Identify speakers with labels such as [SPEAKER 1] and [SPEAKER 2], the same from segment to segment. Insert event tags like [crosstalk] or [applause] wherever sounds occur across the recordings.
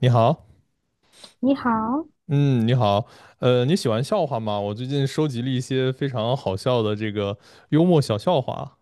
[SPEAKER 1] 你好。
[SPEAKER 2] 你好，
[SPEAKER 1] 嗯，你好。你喜欢笑话吗？我最近收集了一些非常好笑的这个幽默小笑话。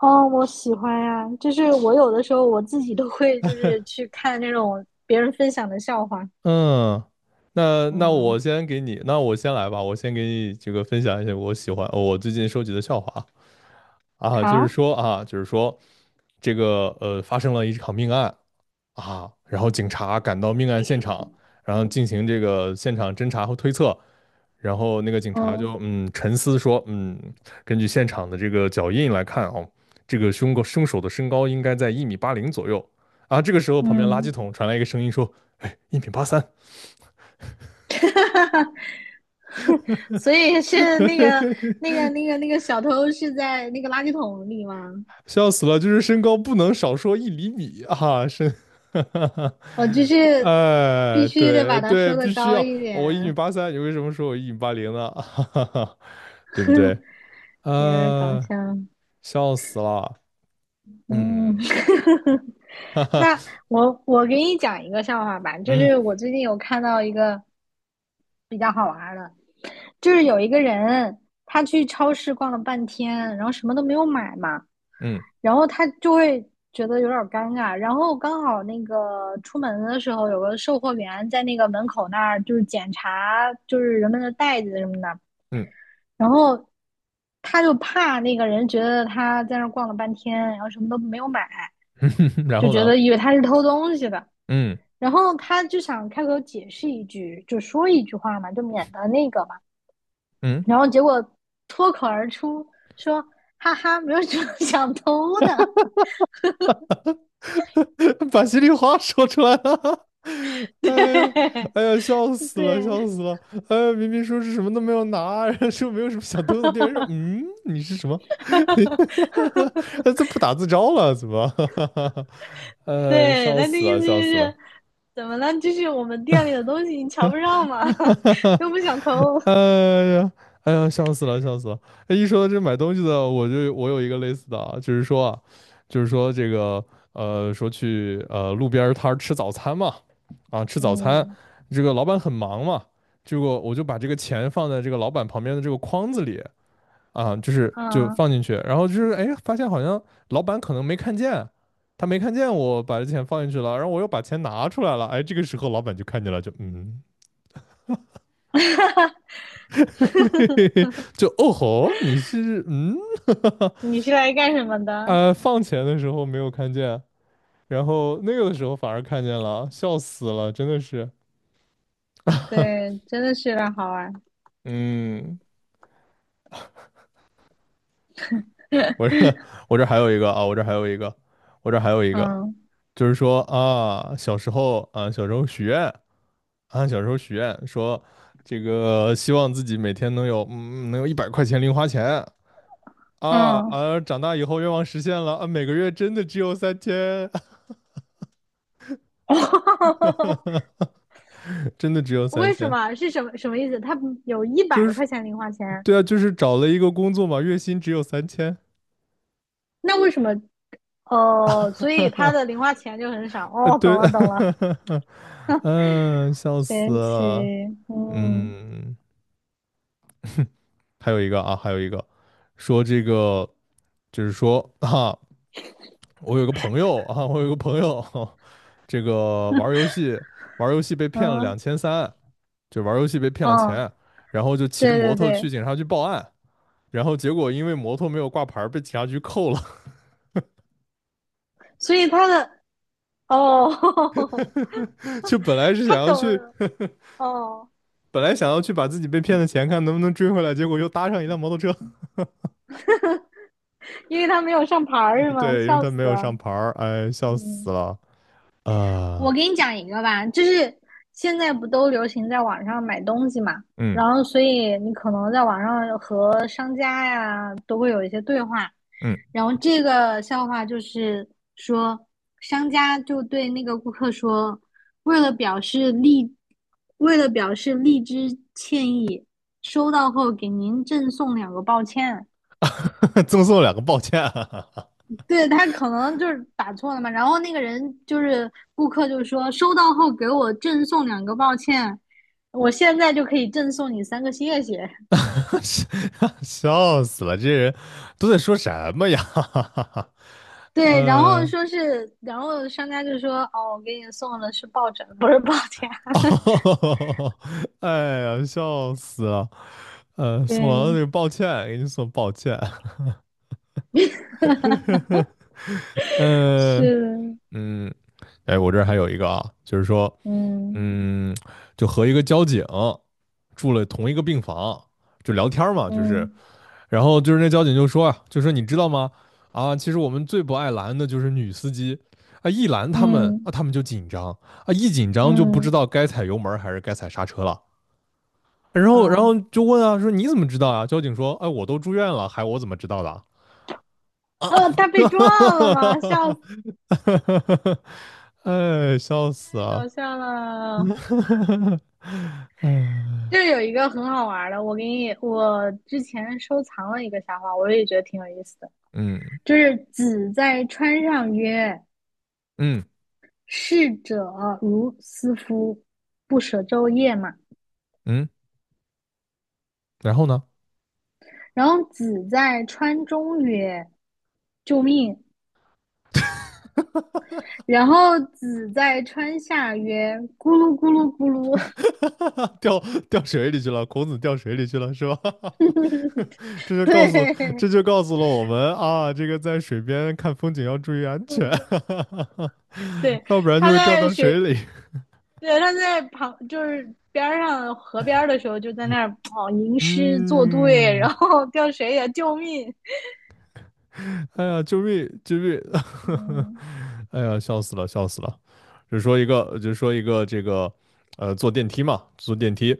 [SPEAKER 2] 哦，我喜欢呀、就是我有的时候我自己都会就是去看那种别人分享的笑话，
[SPEAKER 1] 嗯，那我
[SPEAKER 2] 嗯，
[SPEAKER 1] 先给你，那我先来吧，我先给你这个分享一些我喜欢，我最近收集的笑话。啊，就是
[SPEAKER 2] 好，
[SPEAKER 1] 说啊，就是说这个发生了一场命案。啊，然后警察赶到命案现场，然后进行这个现场侦查和推测。然后那个警察
[SPEAKER 2] 嗯
[SPEAKER 1] 就沉思说，嗯，根据现场的这个脚印来看哦，这个凶手的身高应该在一米八零左右啊。这个时候旁边垃圾
[SPEAKER 2] 嗯，
[SPEAKER 1] 桶传来一个声音说，哎，一米八三。
[SPEAKER 2] [laughs] 所以是那个小偷是在那个垃圾桶里吗？
[SPEAKER 1] 笑死了，就是身高不能少说1厘米啊，身。[laughs] 哈哈哈，
[SPEAKER 2] 哦，就是必
[SPEAKER 1] 哎，
[SPEAKER 2] 须得
[SPEAKER 1] 对
[SPEAKER 2] 把它
[SPEAKER 1] 对，
[SPEAKER 2] 说的
[SPEAKER 1] 必须
[SPEAKER 2] 高
[SPEAKER 1] 要，哦
[SPEAKER 2] 一
[SPEAKER 1] 我一米
[SPEAKER 2] 点，
[SPEAKER 1] 八三，你为什么说我一米八零呢？[laughs] 哈哈哈，对不对？
[SPEAKER 2] [laughs] 有点搞
[SPEAKER 1] 呃，
[SPEAKER 2] 笑，
[SPEAKER 1] 笑死了。
[SPEAKER 2] 嗯。
[SPEAKER 1] 嗯，
[SPEAKER 2] [laughs]
[SPEAKER 1] 哈哈。
[SPEAKER 2] 那我给你讲一个笑话吧，就
[SPEAKER 1] 嗯
[SPEAKER 2] 是我最近有看到一个比较好玩儿的，就是有一个人他去超市逛了半天，然后什么都没有买嘛，
[SPEAKER 1] 嗯
[SPEAKER 2] 然后他就会觉得有点儿尴尬，然后刚好那个出门的时候有个售货员在那个门口那儿就是检查就是人们的袋子什么的，
[SPEAKER 1] 嗯，
[SPEAKER 2] 然后他就怕那个人觉得他在那儿逛了半天，然后什么都没有买，
[SPEAKER 1] [laughs] 然
[SPEAKER 2] 就
[SPEAKER 1] 后
[SPEAKER 2] 觉
[SPEAKER 1] 呢？
[SPEAKER 2] 得以为他是偷东西的。
[SPEAKER 1] 嗯
[SPEAKER 2] 然后他就想开口解释一句，就说一句话嘛，就免得那个嘛。
[SPEAKER 1] 嗯，
[SPEAKER 2] 然后结果脱口而出说："哈哈，没有什么 [laughs] 想偷的。"
[SPEAKER 1] [laughs] 把心里话说出来了。[laughs] 哎哎呀，笑
[SPEAKER 2] 对
[SPEAKER 1] 死了，笑
[SPEAKER 2] 对
[SPEAKER 1] 死了。哎，明明说是什么都没有拿，[laughs] 然后说没有什么想偷的，店员说，嗯，你是什么？
[SPEAKER 2] [laughs]
[SPEAKER 1] [laughs] 这不打自招了，怎么？[laughs]
[SPEAKER 2] 对，
[SPEAKER 1] 笑
[SPEAKER 2] 他的
[SPEAKER 1] 死
[SPEAKER 2] 意思
[SPEAKER 1] 了，
[SPEAKER 2] 就
[SPEAKER 1] 笑死了。
[SPEAKER 2] 是怎么了？就是我们店里的东西你瞧不上嘛，
[SPEAKER 1] [laughs] 哈
[SPEAKER 2] [laughs]
[SPEAKER 1] 哈哈，
[SPEAKER 2] 又不想偷。
[SPEAKER 1] 哎呀，哎呀，笑死了，笑死了！哎，一说到这买东西的，我有一个类似的啊，就是说啊，就是说这个说去路边儿摊儿吃早餐嘛。啊，吃早餐。
[SPEAKER 2] 嗯
[SPEAKER 1] 这个老板很忙嘛，结果我就把这个钱放在这个老板旁边的这个筐子里啊，就是就
[SPEAKER 2] 嗯，
[SPEAKER 1] 放进去，然后就是哎，发现好像老板可能没看见，他没看见我把这钱放进去了，然后我又把钱拿出来了。哎，这个时候老板就看见了，就嗯。[laughs] 嘿嘿嘿，就哦吼，你是嗯，
[SPEAKER 2] 你是来干什么
[SPEAKER 1] [laughs]
[SPEAKER 2] 的？
[SPEAKER 1] 放钱的时候没有看见，然后那个的时候反而看见了，笑死了，真的是。
[SPEAKER 2] 对，真的是有点好玩。
[SPEAKER 1] 嗯，我这 [laughs] 我这还有一个啊，我这还有一个，我这还有一个。
[SPEAKER 2] 嗯
[SPEAKER 1] 就是说啊，小时候啊，小时候许愿啊，小时候许愿说这个希望自己每天能有能有100块钱零花钱。啊
[SPEAKER 2] 嗯。
[SPEAKER 1] 啊！长大以后愿望实现了啊，每个月真的只有三千。
[SPEAKER 2] [laughs]
[SPEAKER 1] [laughs] 真的只有三
[SPEAKER 2] 为什
[SPEAKER 1] 千。
[SPEAKER 2] 么是什么什么意思？他有一
[SPEAKER 1] 就
[SPEAKER 2] 百
[SPEAKER 1] 是
[SPEAKER 2] 块钱零花钱，
[SPEAKER 1] 对啊，就是找了一个工作嘛，月薪只有三千。
[SPEAKER 2] 那为什么？哦，所以他的
[SPEAKER 1] [laughs]
[SPEAKER 2] 零花钱就很少。哦，懂
[SPEAKER 1] 对。
[SPEAKER 2] 了懂了，
[SPEAKER 1] [laughs] 嗯，笑死
[SPEAKER 2] 神奇。
[SPEAKER 1] 了。
[SPEAKER 2] 嗯
[SPEAKER 1] 嗯，还有一个啊，还有一个，说这个，就是说啊，我有个朋友啊，我有个朋友，[laughs] 这个玩儿游戏，玩儿游戏被骗了
[SPEAKER 2] 嗯
[SPEAKER 1] 2300，就玩儿游戏被骗了
[SPEAKER 2] 嗯，
[SPEAKER 1] 钱。然后就骑着
[SPEAKER 2] 对
[SPEAKER 1] 摩
[SPEAKER 2] 对
[SPEAKER 1] 托去
[SPEAKER 2] 对，
[SPEAKER 1] 警察局报案，然后结果因为摩托没有挂牌儿被警察局扣了。
[SPEAKER 2] 所以他的哦，[laughs]
[SPEAKER 1] [laughs] 就本来是想
[SPEAKER 2] 他
[SPEAKER 1] 要
[SPEAKER 2] 懂
[SPEAKER 1] 去
[SPEAKER 2] 了哦，
[SPEAKER 1] 本来想要去把自己被骗的钱看能不能追回来，结果又搭上一辆摩托车。
[SPEAKER 2] 因为他没有上牌儿是
[SPEAKER 1] [laughs]
[SPEAKER 2] 吗？
[SPEAKER 1] 对，因为
[SPEAKER 2] 笑
[SPEAKER 1] 他没
[SPEAKER 2] 死
[SPEAKER 1] 有
[SPEAKER 2] 了。
[SPEAKER 1] 上牌儿，哎，笑死
[SPEAKER 2] 嗯。
[SPEAKER 1] 了啊、
[SPEAKER 2] 我给你讲一个吧，就是现在不都流行在网上买东西嘛，
[SPEAKER 1] 嗯
[SPEAKER 2] 然后所以你可能在网上和商家呀都会有一些对话，
[SPEAKER 1] 嗯，
[SPEAKER 2] 然后这个笑话就是说，商家就对那个顾客说，为了表示荔，为了表示荔枝歉意，收到后给您赠送两个抱歉。
[SPEAKER 1] [laughs] 赠送两个抱歉。
[SPEAKER 2] 对他可能就是打错了嘛，然后那个人就是顾客就说收到后给我赠送两个，抱歉，我现在就可以赠送你三个谢谢。
[SPEAKER 1] [laughs] 笑死了，这人都在说什么呀？[laughs]
[SPEAKER 2] 对，然后
[SPEAKER 1] 呃，
[SPEAKER 2] 说是，然后商家就说哦，我给你送的是抱枕，不是抱枕。[laughs]
[SPEAKER 1] 哦哎呀，笑死了。送完了那
[SPEAKER 2] 对，
[SPEAKER 1] 个抱歉，给你送抱歉。
[SPEAKER 2] 是
[SPEAKER 1] 嗯。
[SPEAKER 2] 的
[SPEAKER 1] 嗯，哎，我这儿还有一个啊，就是说，
[SPEAKER 2] 嗯
[SPEAKER 1] 嗯，就和一个交警住了同一个病房，就聊天儿嘛，就是。
[SPEAKER 2] 嗯
[SPEAKER 1] 然后就是那交警就说啊，就说你知道吗？啊，其实我们最不爱拦的就是女司机。啊，一拦他们，
[SPEAKER 2] 嗯
[SPEAKER 1] 啊，他们就紧张。啊，一紧张就不知
[SPEAKER 2] 嗯，
[SPEAKER 1] 道该踩油门儿还是该踩刹车了。然后，然
[SPEAKER 2] 啊，
[SPEAKER 1] 后就问啊，说你怎么知道啊？交警说，哎，我都住院了，还我怎么知道的啊？
[SPEAKER 2] 哦他被撞了吗？笑死，
[SPEAKER 1] [laughs] 哎，笑死
[SPEAKER 2] 太
[SPEAKER 1] 啊！
[SPEAKER 2] 搞笑了。
[SPEAKER 1] [laughs] 嗯
[SPEAKER 2] 就是有一个很好玩的，我给你，我之前收藏了一个笑话，我也觉得挺有意思的，
[SPEAKER 1] 嗯
[SPEAKER 2] 就是子在川上曰：
[SPEAKER 1] 嗯
[SPEAKER 2] “逝者如斯夫，不舍昼夜嘛。"
[SPEAKER 1] 嗯，然后呢？
[SPEAKER 2] 然后子在川中曰："救命！"然后子在川下曰："咕噜咕噜咕噜。[laughs]”
[SPEAKER 1] [laughs] 掉掉水里去了，孔子掉水里去了，是吧？[laughs] 这就告诉
[SPEAKER 2] 对，
[SPEAKER 1] 这就告诉了我们啊，这个在水边看风景要注意安全。
[SPEAKER 2] 对，
[SPEAKER 1] [laughs] 要不然就
[SPEAKER 2] 他
[SPEAKER 1] 会掉
[SPEAKER 2] 在
[SPEAKER 1] 到水
[SPEAKER 2] 学，
[SPEAKER 1] 里。
[SPEAKER 2] 对，他在旁就是边儿上河边儿的时候，就在那儿哦吟诗作对，然
[SPEAKER 1] 嗯，
[SPEAKER 2] 后叫谁呀、救命！
[SPEAKER 1] 哎呀，救命！救命！[laughs]
[SPEAKER 2] 嗯
[SPEAKER 1] 哎呀，笑死了，笑死了。就说一个，就说一个这个，坐电梯嘛，坐电梯，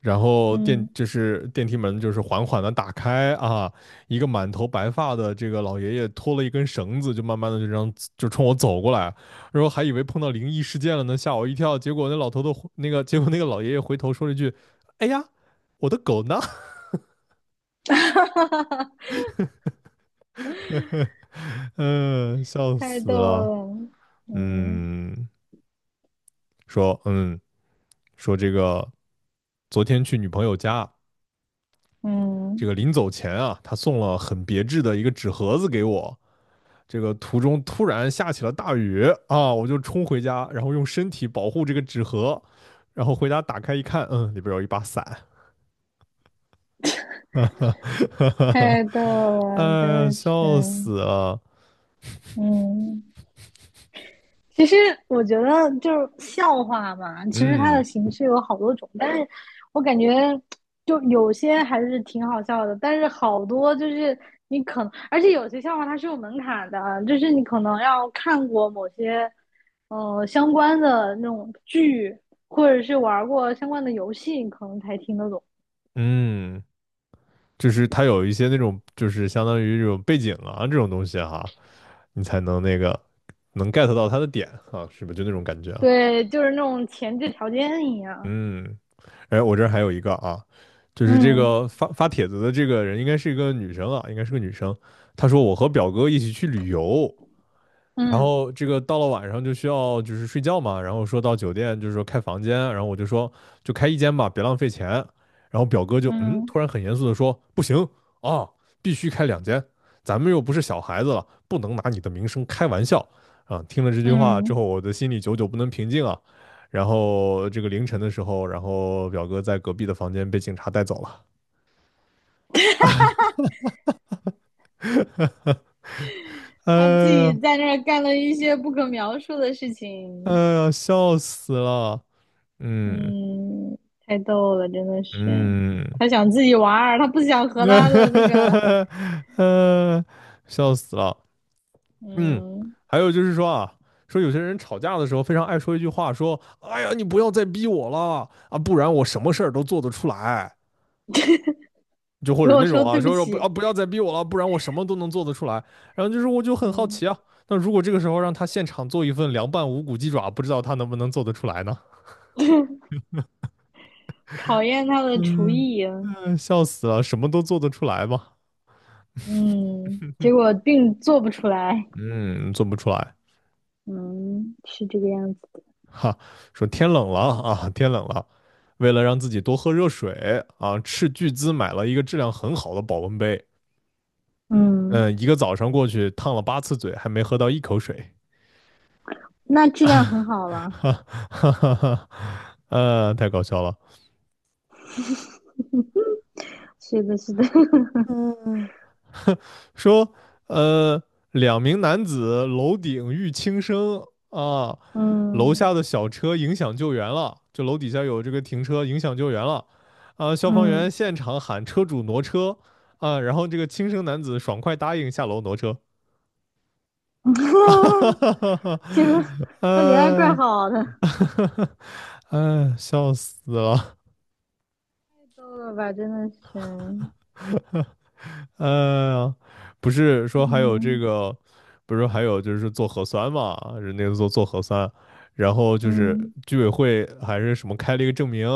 [SPEAKER 1] 然后电
[SPEAKER 2] 嗯，
[SPEAKER 1] 就是电梯门就是缓缓的打开啊，一个满头白发的这个老爷爷拖了一根绳子，就慢慢的就这样就冲我走过来。然后还以为碰到灵异事件了呢，吓我一跳。结果那老头的那个，结果那个老爷爷回头说了一句："哎呀，我的狗呢？"
[SPEAKER 2] [laughs]
[SPEAKER 1] 嗯，笑
[SPEAKER 2] 太
[SPEAKER 1] 死
[SPEAKER 2] 逗
[SPEAKER 1] 了。
[SPEAKER 2] 了，嗯
[SPEAKER 1] 嗯，说嗯说这个昨天去女朋友家，这
[SPEAKER 2] 嗯，
[SPEAKER 1] 个临走前啊，他送了很别致的一个纸盒子给我。这个途中突然下起了大雨啊，我就冲回家，然后用身体保护这个纸盒。然后回家打开一看，嗯，里边有一把伞。[laughs]
[SPEAKER 2] 太逗
[SPEAKER 1] 哎
[SPEAKER 2] 了，
[SPEAKER 1] 呀，
[SPEAKER 2] 真的是，
[SPEAKER 1] 笑死了。
[SPEAKER 2] 嗯。其实我觉得就是笑话嘛，其实它的
[SPEAKER 1] 嗯
[SPEAKER 2] 形式有好多种，但是我感觉就有些还是挺好笑的，但是好多就是你可能，而且有些笑话它是有门槛的啊，就是你可能要看过某些相关的那种剧，或者是玩过相关的游戏，你可能才听得懂。
[SPEAKER 1] 嗯，就是它有一些那种就是相当于这种背景啊这种东西哈、啊你才能那个能 get 到它的点啊，是不是就那种感觉啊？
[SPEAKER 2] 对，就是那种前置条件一样。
[SPEAKER 1] 嗯，哎，我这儿还有一个啊，就是这
[SPEAKER 2] 嗯
[SPEAKER 1] 个发帖子的这个人应该是一个女生啊，应该是个女生。她说我和表哥一起去旅游。然
[SPEAKER 2] 嗯
[SPEAKER 1] 后这个到了晚上就需要就是睡觉嘛，然后说到酒店就是说开房间，然后我就说就开一间吧，别浪费钱。然后表哥就嗯，
[SPEAKER 2] 嗯
[SPEAKER 1] 突然很严肃的说不行啊，必须开两间，咱们又不是小孩子了，不能拿你的名声开玩笑啊。听了这句话
[SPEAKER 2] 嗯，
[SPEAKER 1] 之
[SPEAKER 2] 嗯
[SPEAKER 1] 后，我的心里久久不能平静啊。然后这个凌晨的时候，然后表哥在隔壁的房间被警察带走了。哎
[SPEAKER 2] 他自己
[SPEAKER 1] 呀，
[SPEAKER 2] 在那儿干了一些不可描述的事
[SPEAKER 1] 哎
[SPEAKER 2] 情，
[SPEAKER 1] 呀，笑死了。嗯
[SPEAKER 2] 嗯，太逗了，真的是。
[SPEAKER 1] 嗯。
[SPEAKER 2] 他想自己玩儿，他不想
[SPEAKER 1] [laughs]
[SPEAKER 2] 和他的那个，
[SPEAKER 1] 呃，笑死了。嗯，
[SPEAKER 2] 嗯，
[SPEAKER 1] 还有就是说啊，说有些人吵架的时候非常爱说一句话，说："哎呀，你不要再逼我了啊，不然我什么事儿都做得出来。"就或
[SPEAKER 2] 给
[SPEAKER 1] 者
[SPEAKER 2] 我
[SPEAKER 1] 那种
[SPEAKER 2] 说
[SPEAKER 1] 啊，
[SPEAKER 2] 对不
[SPEAKER 1] 说不啊，
[SPEAKER 2] 起，
[SPEAKER 1] 不要再逼我了，不然我什么都能做得出来。然后就是我就很好
[SPEAKER 2] 嗯，
[SPEAKER 1] 奇啊，那如果这个时候让他现场做一份凉拌无骨鸡爪，不知道他能不能做得出来呢？
[SPEAKER 2] 考验他的厨
[SPEAKER 1] 嗯
[SPEAKER 2] 艺，
[SPEAKER 1] 嗯，笑死了，什么都做得出来吗？
[SPEAKER 2] 嗯，结果并做不出来，
[SPEAKER 1] 嗯，做不出来。
[SPEAKER 2] 嗯，是这个样子的，
[SPEAKER 1] 哈，说天冷了啊，天冷了，为了让自己多喝热水啊，斥巨资买了一个质量很好的保温杯。
[SPEAKER 2] 嗯，
[SPEAKER 1] 嗯，一个早上过去烫了8次嘴，还没喝到一口水。
[SPEAKER 2] 那质量很好了，
[SPEAKER 1] 哈哈哈哈，太搞笑了。
[SPEAKER 2] 是的，是的，
[SPEAKER 1] 嗯，说，呃，两名男子楼顶遇轻生啊，
[SPEAKER 2] [laughs]
[SPEAKER 1] 楼
[SPEAKER 2] 嗯
[SPEAKER 1] 下的小车影响救援了，就楼底下有这个停车影响救援了。啊，消防
[SPEAKER 2] 嗯，
[SPEAKER 1] 员现场喊车主挪车啊，然后这个轻生男子爽快答应下楼挪车。[laughs] 哈哈哈
[SPEAKER 2] [laughs]
[SPEAKER 1] 哈
[SPEAKER 2] 结果
[SPEAKER 1] 哈，
[SPEAKER 2] 他人还怪好的，
[SPEAKER 1] [laughs] 哈哈，[laughs] 哎，笑死了。
[SPEAKER 2] 够了吧，真的是，
[SPEAKER 1] 呃，不是说还有这
[SPEAKER 2] 嗯
[SPEAKER 1] 个，不是说还有就是做核酸嘛，人那个做做核酸，然后就是
[SPEAKER 2] 嗯，
[SPEAKER 1] 居委会还是什么开了一个证明。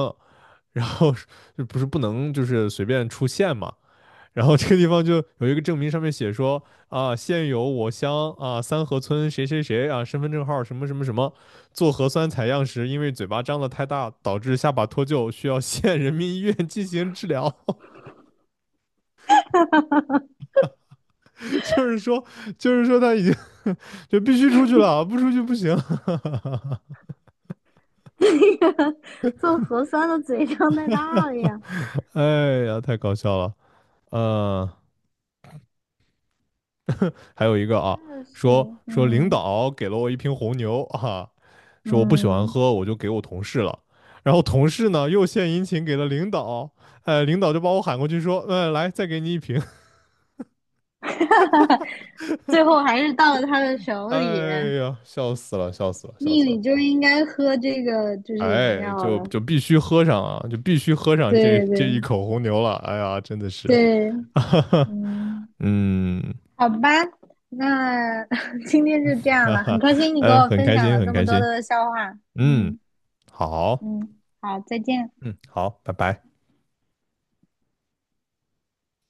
[SPEAKER 1] 然后是就不是不能就是随便出县嘛。然后这个地方就有一个证明上面写说啊，现有我乡啊三河村谁谁谁啊身份证号什么什么什么，做核酸采样时因为嘴巴张得太大导致下巴脱臼，需要 [laughs] 县人民医院进行治疗。
[SPEAKER 2] [laughs]
[SPEAKER 1] [laughs] 就是说，就是说他已经 [laughs] 就必须出去了，不出去不行。[laughs]
[SPEAKER 2] 那个做核酸的嘴张太大了呀，
[SPEAKER 1] 哎呀，太搞笑了。嗯，还有一个啊，
[SPEAKER 2] 真的
[SPEAKER 1] 说
[SPEAKER 2] 是，
[SPEAKER 1] 说领
[SPEAKER 2] 嗯
[SPEAKER 1] 导给了我一瓶红牛啊，说我不喜欢
[SPEAKER 2] 嗯，
[SPEAKER 1] 喝，我就给我同事了。然后同事呢又献殷勤给了领导。哎，领导就把我喊过去说，嗯，来再给你一瓶。
[SPEAKER 2] [laughs] 最后还是到了他的
[SPEAKER 1] [laughs]
[SPEAKER 2] 手里，
[SPEAKER 1] 哎呀，笑死了，笑死了，笑
[SPEAKER 2] 命
[SPEAKER 1] 死
[SPEAKER 2] 里
[SPEAKER 1] 了。
[SPEAKER 2] 就应该喝这个就是饮
[SPEAKER 1] 哎，
[SPEAKER 2] 料
[SPEAKER 1] 就
[SPEAKER 2] 了，
[SPEAKER 1] 就必须喝上啊，就必须喝上这
[SPEAKER 2] 对
[SPEAKER 1] 这
[SPEAKER 2] 对
[SPEAKER 1] 一口红牛了。哎呀，真的是，
[SPEAKER 2] 对，
[SPEAKER 1] [laughs] 哈哈，
[SPEAKER 2] 嗯，
[SPEAKER 1] 嗯，
[SPEAKER 2] 好吧，那 [laughs] 今天就这
[SPEAKER 1] [laughs]
[SPEAKER 2] 样
[SPEAKER 1] 哈
[SPEAKER 2] 吧，很
[SPEAKER 1] 哈，
[SPEAKER 2] 开心你给
[SPEAKER 1] 嗯，
[SPEAKER 2] 我
[SPEAKER 1] 很
[SPEAKER 2] 分
[SPEAKER 1] 开
[SPEAKER 2] 享
[SPEAKER 1] 心，
[SPEAKER 2] 了
[SPEAKER 1] 很
[SPEAKER 2] 这
[SPEAKER 1] 开
[SPEAKER 2] 么多
[SPEAKER 1] 心，
[SPEAKER 2] 的笑话，
[SPEAKER 1] 嗯，
[SPEAKER 2] 嗯
[SPEAKER 1] 好，
[SPEAKER 2] 嗯，好，再见。
[SPEAKER 1] 嗯，好，拜拜。